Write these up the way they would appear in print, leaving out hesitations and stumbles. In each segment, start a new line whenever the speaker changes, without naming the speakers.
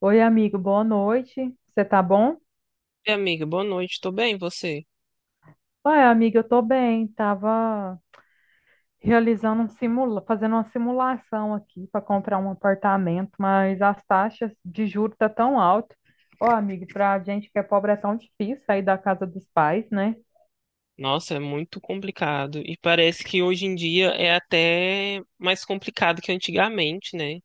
Oi, amigo, boa noite. Você tá bom?
E, amiga, boa noite, tô bem, e você?
Oi, amiga, eu tô bem. Tava realizando fazendo uma simulação aqui para comprar um apartamento, mas as taxas de juros tá tão alto. Ô, amigo, pra gente que é pobre é tão difícil sair da casa dos pais, né?
Nossa, é muito complicado. E parece que hoje em dia é até mais complicado que antigamente, né?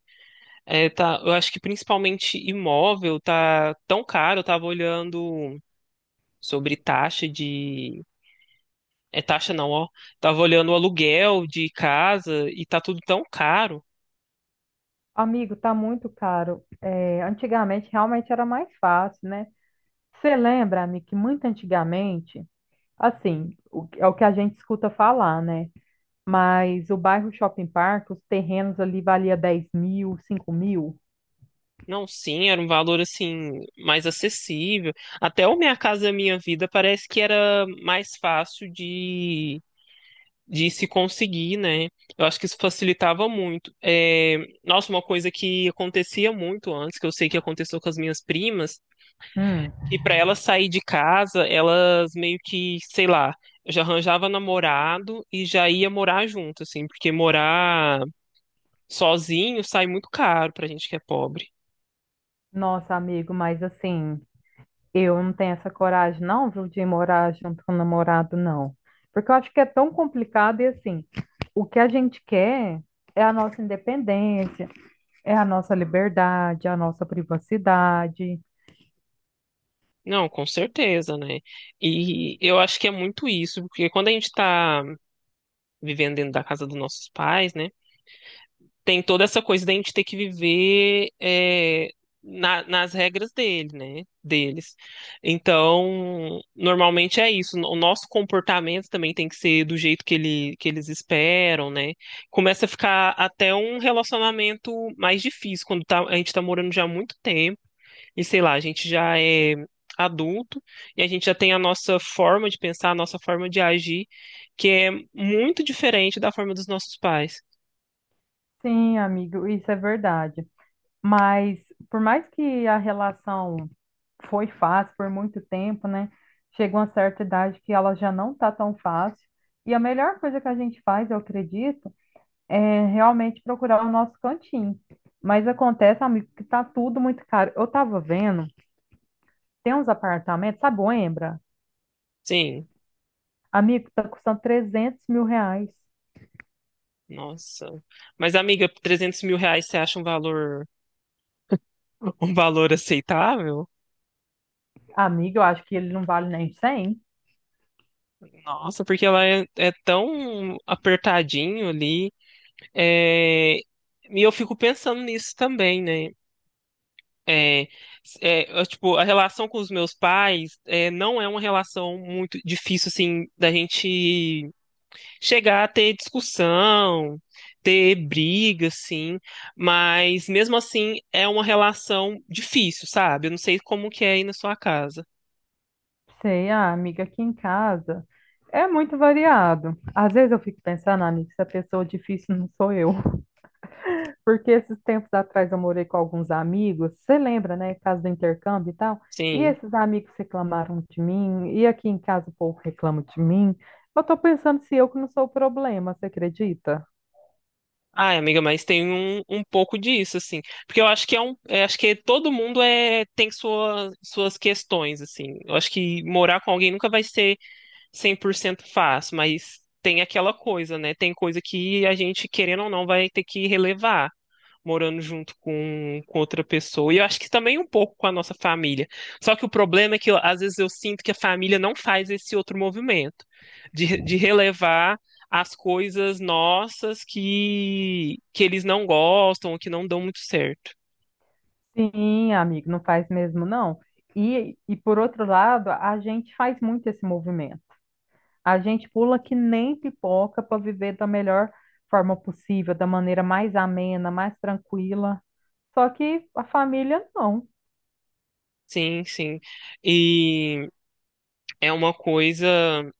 Eu acho que principalmente imóvel tá tão caro, eu tava olhando sobre taxa de. É taxa não, ó. Tava olhando o aluguel de casa e tá tudo tão caro.
Amigo, tá muito caro. É, antigamente realmente era mais fácil, né? Você lembra, amigo, que muito antigamente, assim, é o que a gente escuta falar, né? Mas o bairro Shopping Park, os terrenos ali valia 10 mil, 5 mil.
Não, sim, era um valor assim mais acessível. Até o Minha Casa Minha Vida parece que era mais fácil de se conseguir, né? Eu acho que isso facilitava muito. Nossa, uma coisa que acontecia muito antes, que eu sei que aconteceu com as minhas primas,
Hum.
que para elas sair de casa, elas meio que, sei lá, já arranjava namorado e já ia morar junto, assim, porque morar sozinho sai muito caro pra gente que é pobre.
Nossa, amigo, mas assim, eu não tenho essa coragem, não, viu, de morar junto com o namorado, não. Porque eu acho que é tão complicado e assim, o que a gente quer é a nossa independência, é a nossa liberdade, é a nossa privacidade.
Não, com certeza, né? E eu acho que é muito isso, porque quando a gente tá vivendo dentro da casa dos nossos pais, né, tem toda essa coisa da gente ter que viver nas regras dele, né? Deles. Então, normalmente é isso. O nosso comportamento também tem que ser do jeito que que eles esperam, né? Começa a ficar até um relacionamento mais difícil quando a gente tá morando já há muito tempo e sei lá, a gente já é adulto e a gente já tem a nossa forma de pensar, a nossa forma de agir, que é muito diferente da forma dos nossos pais.
Sim, amigo, isso é verdade. Mas por mais que a relação foi fácil por muito tempo, né? Chega uma certa idade que ela já não tá tão fácil. E a melhor coisa que a gente faz, eu acredito, é realmente procurar o nosso cantinho. Mas acontece, amigo, que tá tudo muito caro. Eu tava vendo, tem uns apartamentos, sabe, o Embra?
Sim.
Amigo, tá custando 300 mil reais.
Nossa. Mas, amiga, R$ 300.000 você acha um valor aceitável?
Amigo, eu acho que ele não vale nem 100.
Nossa, porque é tão apertadinho ali. É, E eu fico pensando nisso também, né? É, tipo, a relação com os meus pais não é uma relação muito difícil, assim, da gente chegar a ter discussão, ter briga, sim, mas mesmo assim é uma relação difícil, sabe? Eu não sei como que é aí na sua casa.
Sei, ah, amiga, aqui em casa é muito variado. Às vezes eu fico pensando: "Ah, amiga, se a pessoa difícil não sou eu." Porque esses tempos atrás eu morei com alguns amigos, você lembra, né? Casa do intercâmbio e tal. E
Sim.
esses amigos reclamaram de mim, e aqui em casa o povo reclama de mim. Eu tô pensando se eu que não sou o problema, você acredita?
Ai, amiga, mas tem um pouco disso, assim. Porque eu acho que todo mundo tem suas questões, assim. Eu acho que morar com alguém nunca vai ser 100% fácil, mas tem aquela coisa, né? Tem coisa que a gente, querendo ou não, vai ter que relevar morando junto com outra pessoa. E eu acho que também um pouco com a nossa família. Só que o problema é que às vezes eu sinto que a família não faz esse outro movimento de relevar as coisas nossas que eles não gostam, ou que não dão muito certo.
Sim, amigo, não faz mesmo não. E por outro lado, a gente faz muito esse movimento. A gente pula que nem pipoca para viver da melhor forma possível, da maneira mais amena, mais tranquila. Só que a família não.
Sim, sim. E é uma coisa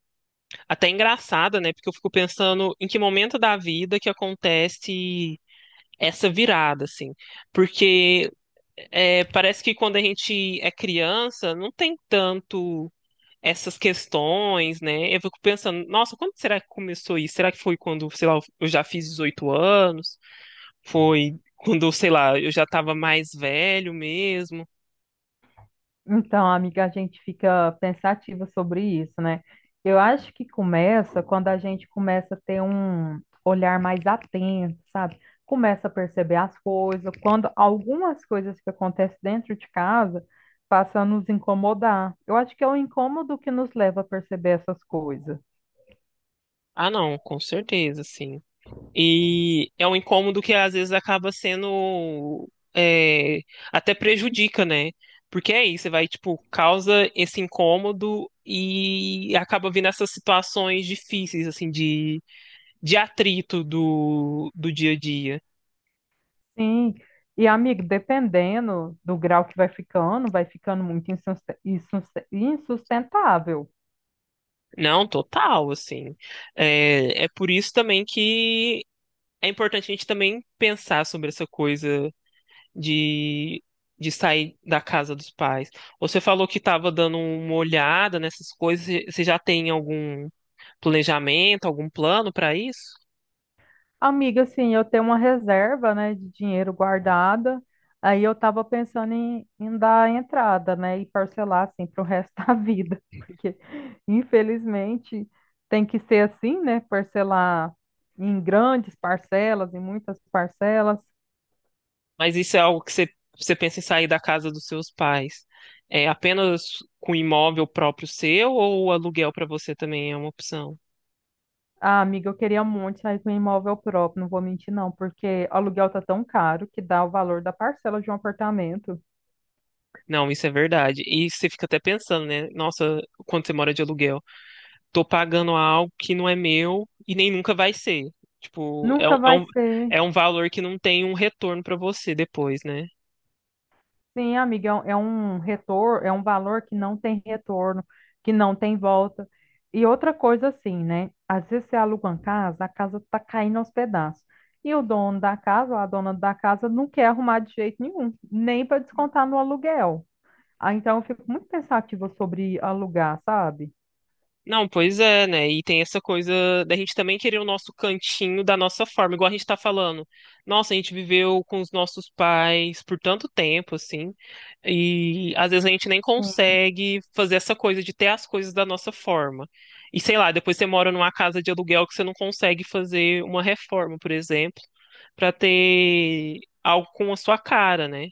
até engraçada, né? Porque eu fico pensando em que momento da vida que acontece essa virada, assim. Porque Parece que quando a gente é criança, não tem tanto essas questões, né? Eu fico pensando, nossa, quando será que começou isso? Será que foi quando, sei lá, eu já fiz 18 anos? Foi quando, sei lá, eu já estava mais velho mesmo?
Então, amiga, a gente fica pensativa sobre isso, né? Eu acho que começa quando a gente começa a ter um olhar mais atento, sabe? Começa a perceber as coisas, quando algumas coisas que acontecem dentro de casa passam a nos incomodar. Eu acho que é o incômodo que nos leva a perceber essas coisas.
Ah, não, com certeza, sim. E é um incômodo que às vezes é, até prejudica, né? Porque é isso, você vai, tipo, causa esse incômodo e acaba vindo essas situações difíceis, assim, de atrito do dia a dia.
Sim. E, amigo, dependendo do grau que vai ficando muito insustentável.
Não, total, assim. É, é por isso também que é importante a gente também pensar sobre essa coisa de, de sair da casa dos pais. Você falou que estava dando uma olhada nessas coisas. Você já tem algum planejamento, algum plano para isso?
Amiga, assim, eu tenho uma reserva, né, de dinheiro guardada. Aí eu tava pensando em dar entrada, né, e parcelar, assim, pro resto da vida. Porque, infelizmente, tem que ser assim, né, parcelar em grandes parcelas, em muitas parcelas.
Mas isso é algo você pensa em sair da casa dos seus pais? É apenas com imóvel próprio seu ou o aluguel para você também é uma opção?
Ah, amiga, eu queria muito sair com um imóvel próprio, não vou mentir não, porque o aluguel tá tão caro que dá o valor da parcela de um apartamento.
Não, isso é verdade. E você fica até pensando, né? Nossa, quando você mora de aluguel, tô pagando algo que não é meu e nem nunca vai ser. Tipo, é
Nunca
um, é
vai
um,
ser.
é um valor que não tem um retorno pra você depois, né?
Sim, amiga, é um retorno, é um valor que não tem retorno, que não tem volta. E outra coisa assim, né? Às vezes você aluga uma casa, a casa tá caindo aos pedaços. E o dono da casa, ou a dona da casa, não quer arrumar de jeito nenhum, nem para descontar no aluguel. Ah, então eu fico muito pensativa sobre alugar, sabe?
Não, pois é, né? E tem essa coisa da gente também querer o nosso cantinho da nossa forma, igual a gente tá falando. Nossa, a gente viveu com os nossos pais por tanto tempo, assim, e às vezes a gente nem consegue fazer essa coisa de ter as coisas da nossa forma. E sei lá, depois você mora numa casa de aluguel que você não consegue fazer uma reforma, por exemplo, pra ter algo com a sua cara, né?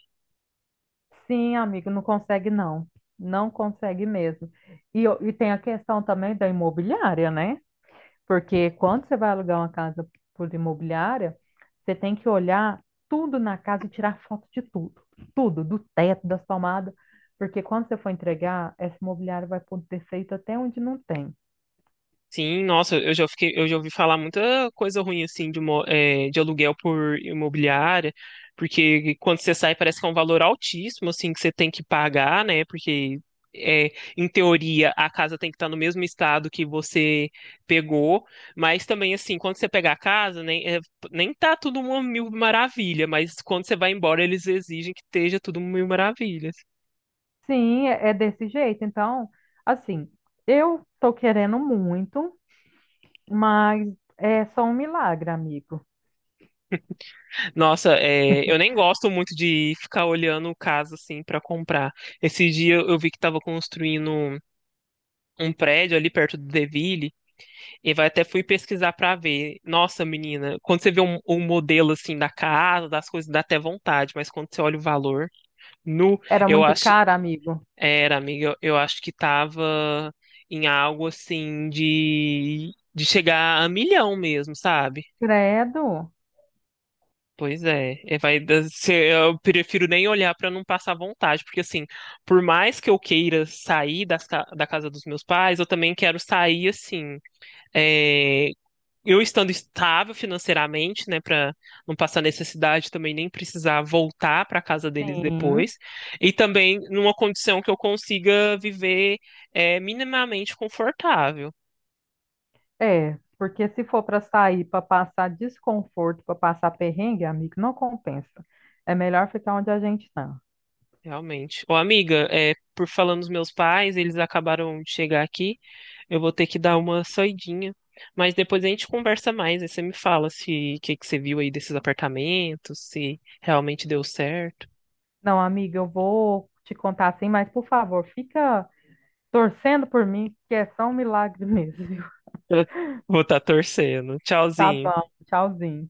Sim, amigo, não consegue não. Não consegue mesmo. E, e tem a questão também da imobiliária, né? Porque quando você vai alugar uma casa por imobiliária, você tem que olhar tudo na casa e tirar foto de tudo. Tudo, do teto, das tomadas. Porque quando você for entregar, essa imobiliária vai pôr defeito até onde não tem.
Sim, nossa, eu já ouvi falar muita coisa ruim assim de aluguel por imobiliária, porque quando você sai parece que é um valor altíssimo assim que você tem que pagar, né? Eh, Em teoria a casa tem que estar no mesmo estado que você pegou, mas também assim quando você pegar a casa nem tá tudo uma mil maravilha, mas quando você vai embora eles exigem que esteja tudo mil maravilhas.
Sim, é, é desse jeito. Então, assim, eu tô querendo muito, mas é só um milagre, amigo.
Nossa, é, eu nem gosto muito de ficar olhando o caso assim pra comprar. Esse dia eu vi que tava construindo um prédio ali perto do Deville e vai até fui pesquisar pra ver. Nossa, menina, quando você vê um modelo assim da casa, das coisas, dá até vontade, mas quando você olha o valor, nu,
Era
eu
muito
acho,
caro, amigo.
eu acho que tava em algo assim de chegar a milhão mesmo, sabe?
Credo?
Pois é, é, vai, eu prefiro nem olhar pra não passar vontade, porque assim, por mais que eu queira sair da casa dos meus pais, eu também quero sair assim, é, eu estando estável financeiramente, né, pra não passar necessidade também nem precisar voltar pra casa deles
Sim,
depois, e também numa condição que eu consiga viver minimamente confortável,
é. Porque se for para sair, para passar desconforto, para passar perrengue, amigo, não compensa. É melhor ficar onde a gente tá.
realmente. Ô, amiga, é, por falando dos meus pais, eles acabaram de chegar aqui. Eu vou ter que dar uma saidinha. Mas depois a gente conversa mais. Aí você me fala se o que que você viu aí desses apartamentos, se realmente deu certo.
Não, amiga, eu vou te contar assim, mas por favor, fica torcendo por mim, que é só um milagre mesmo, viu?
Eu vou estar torcendo.
Tá
Tchauzinho.
bom, tchauzinho.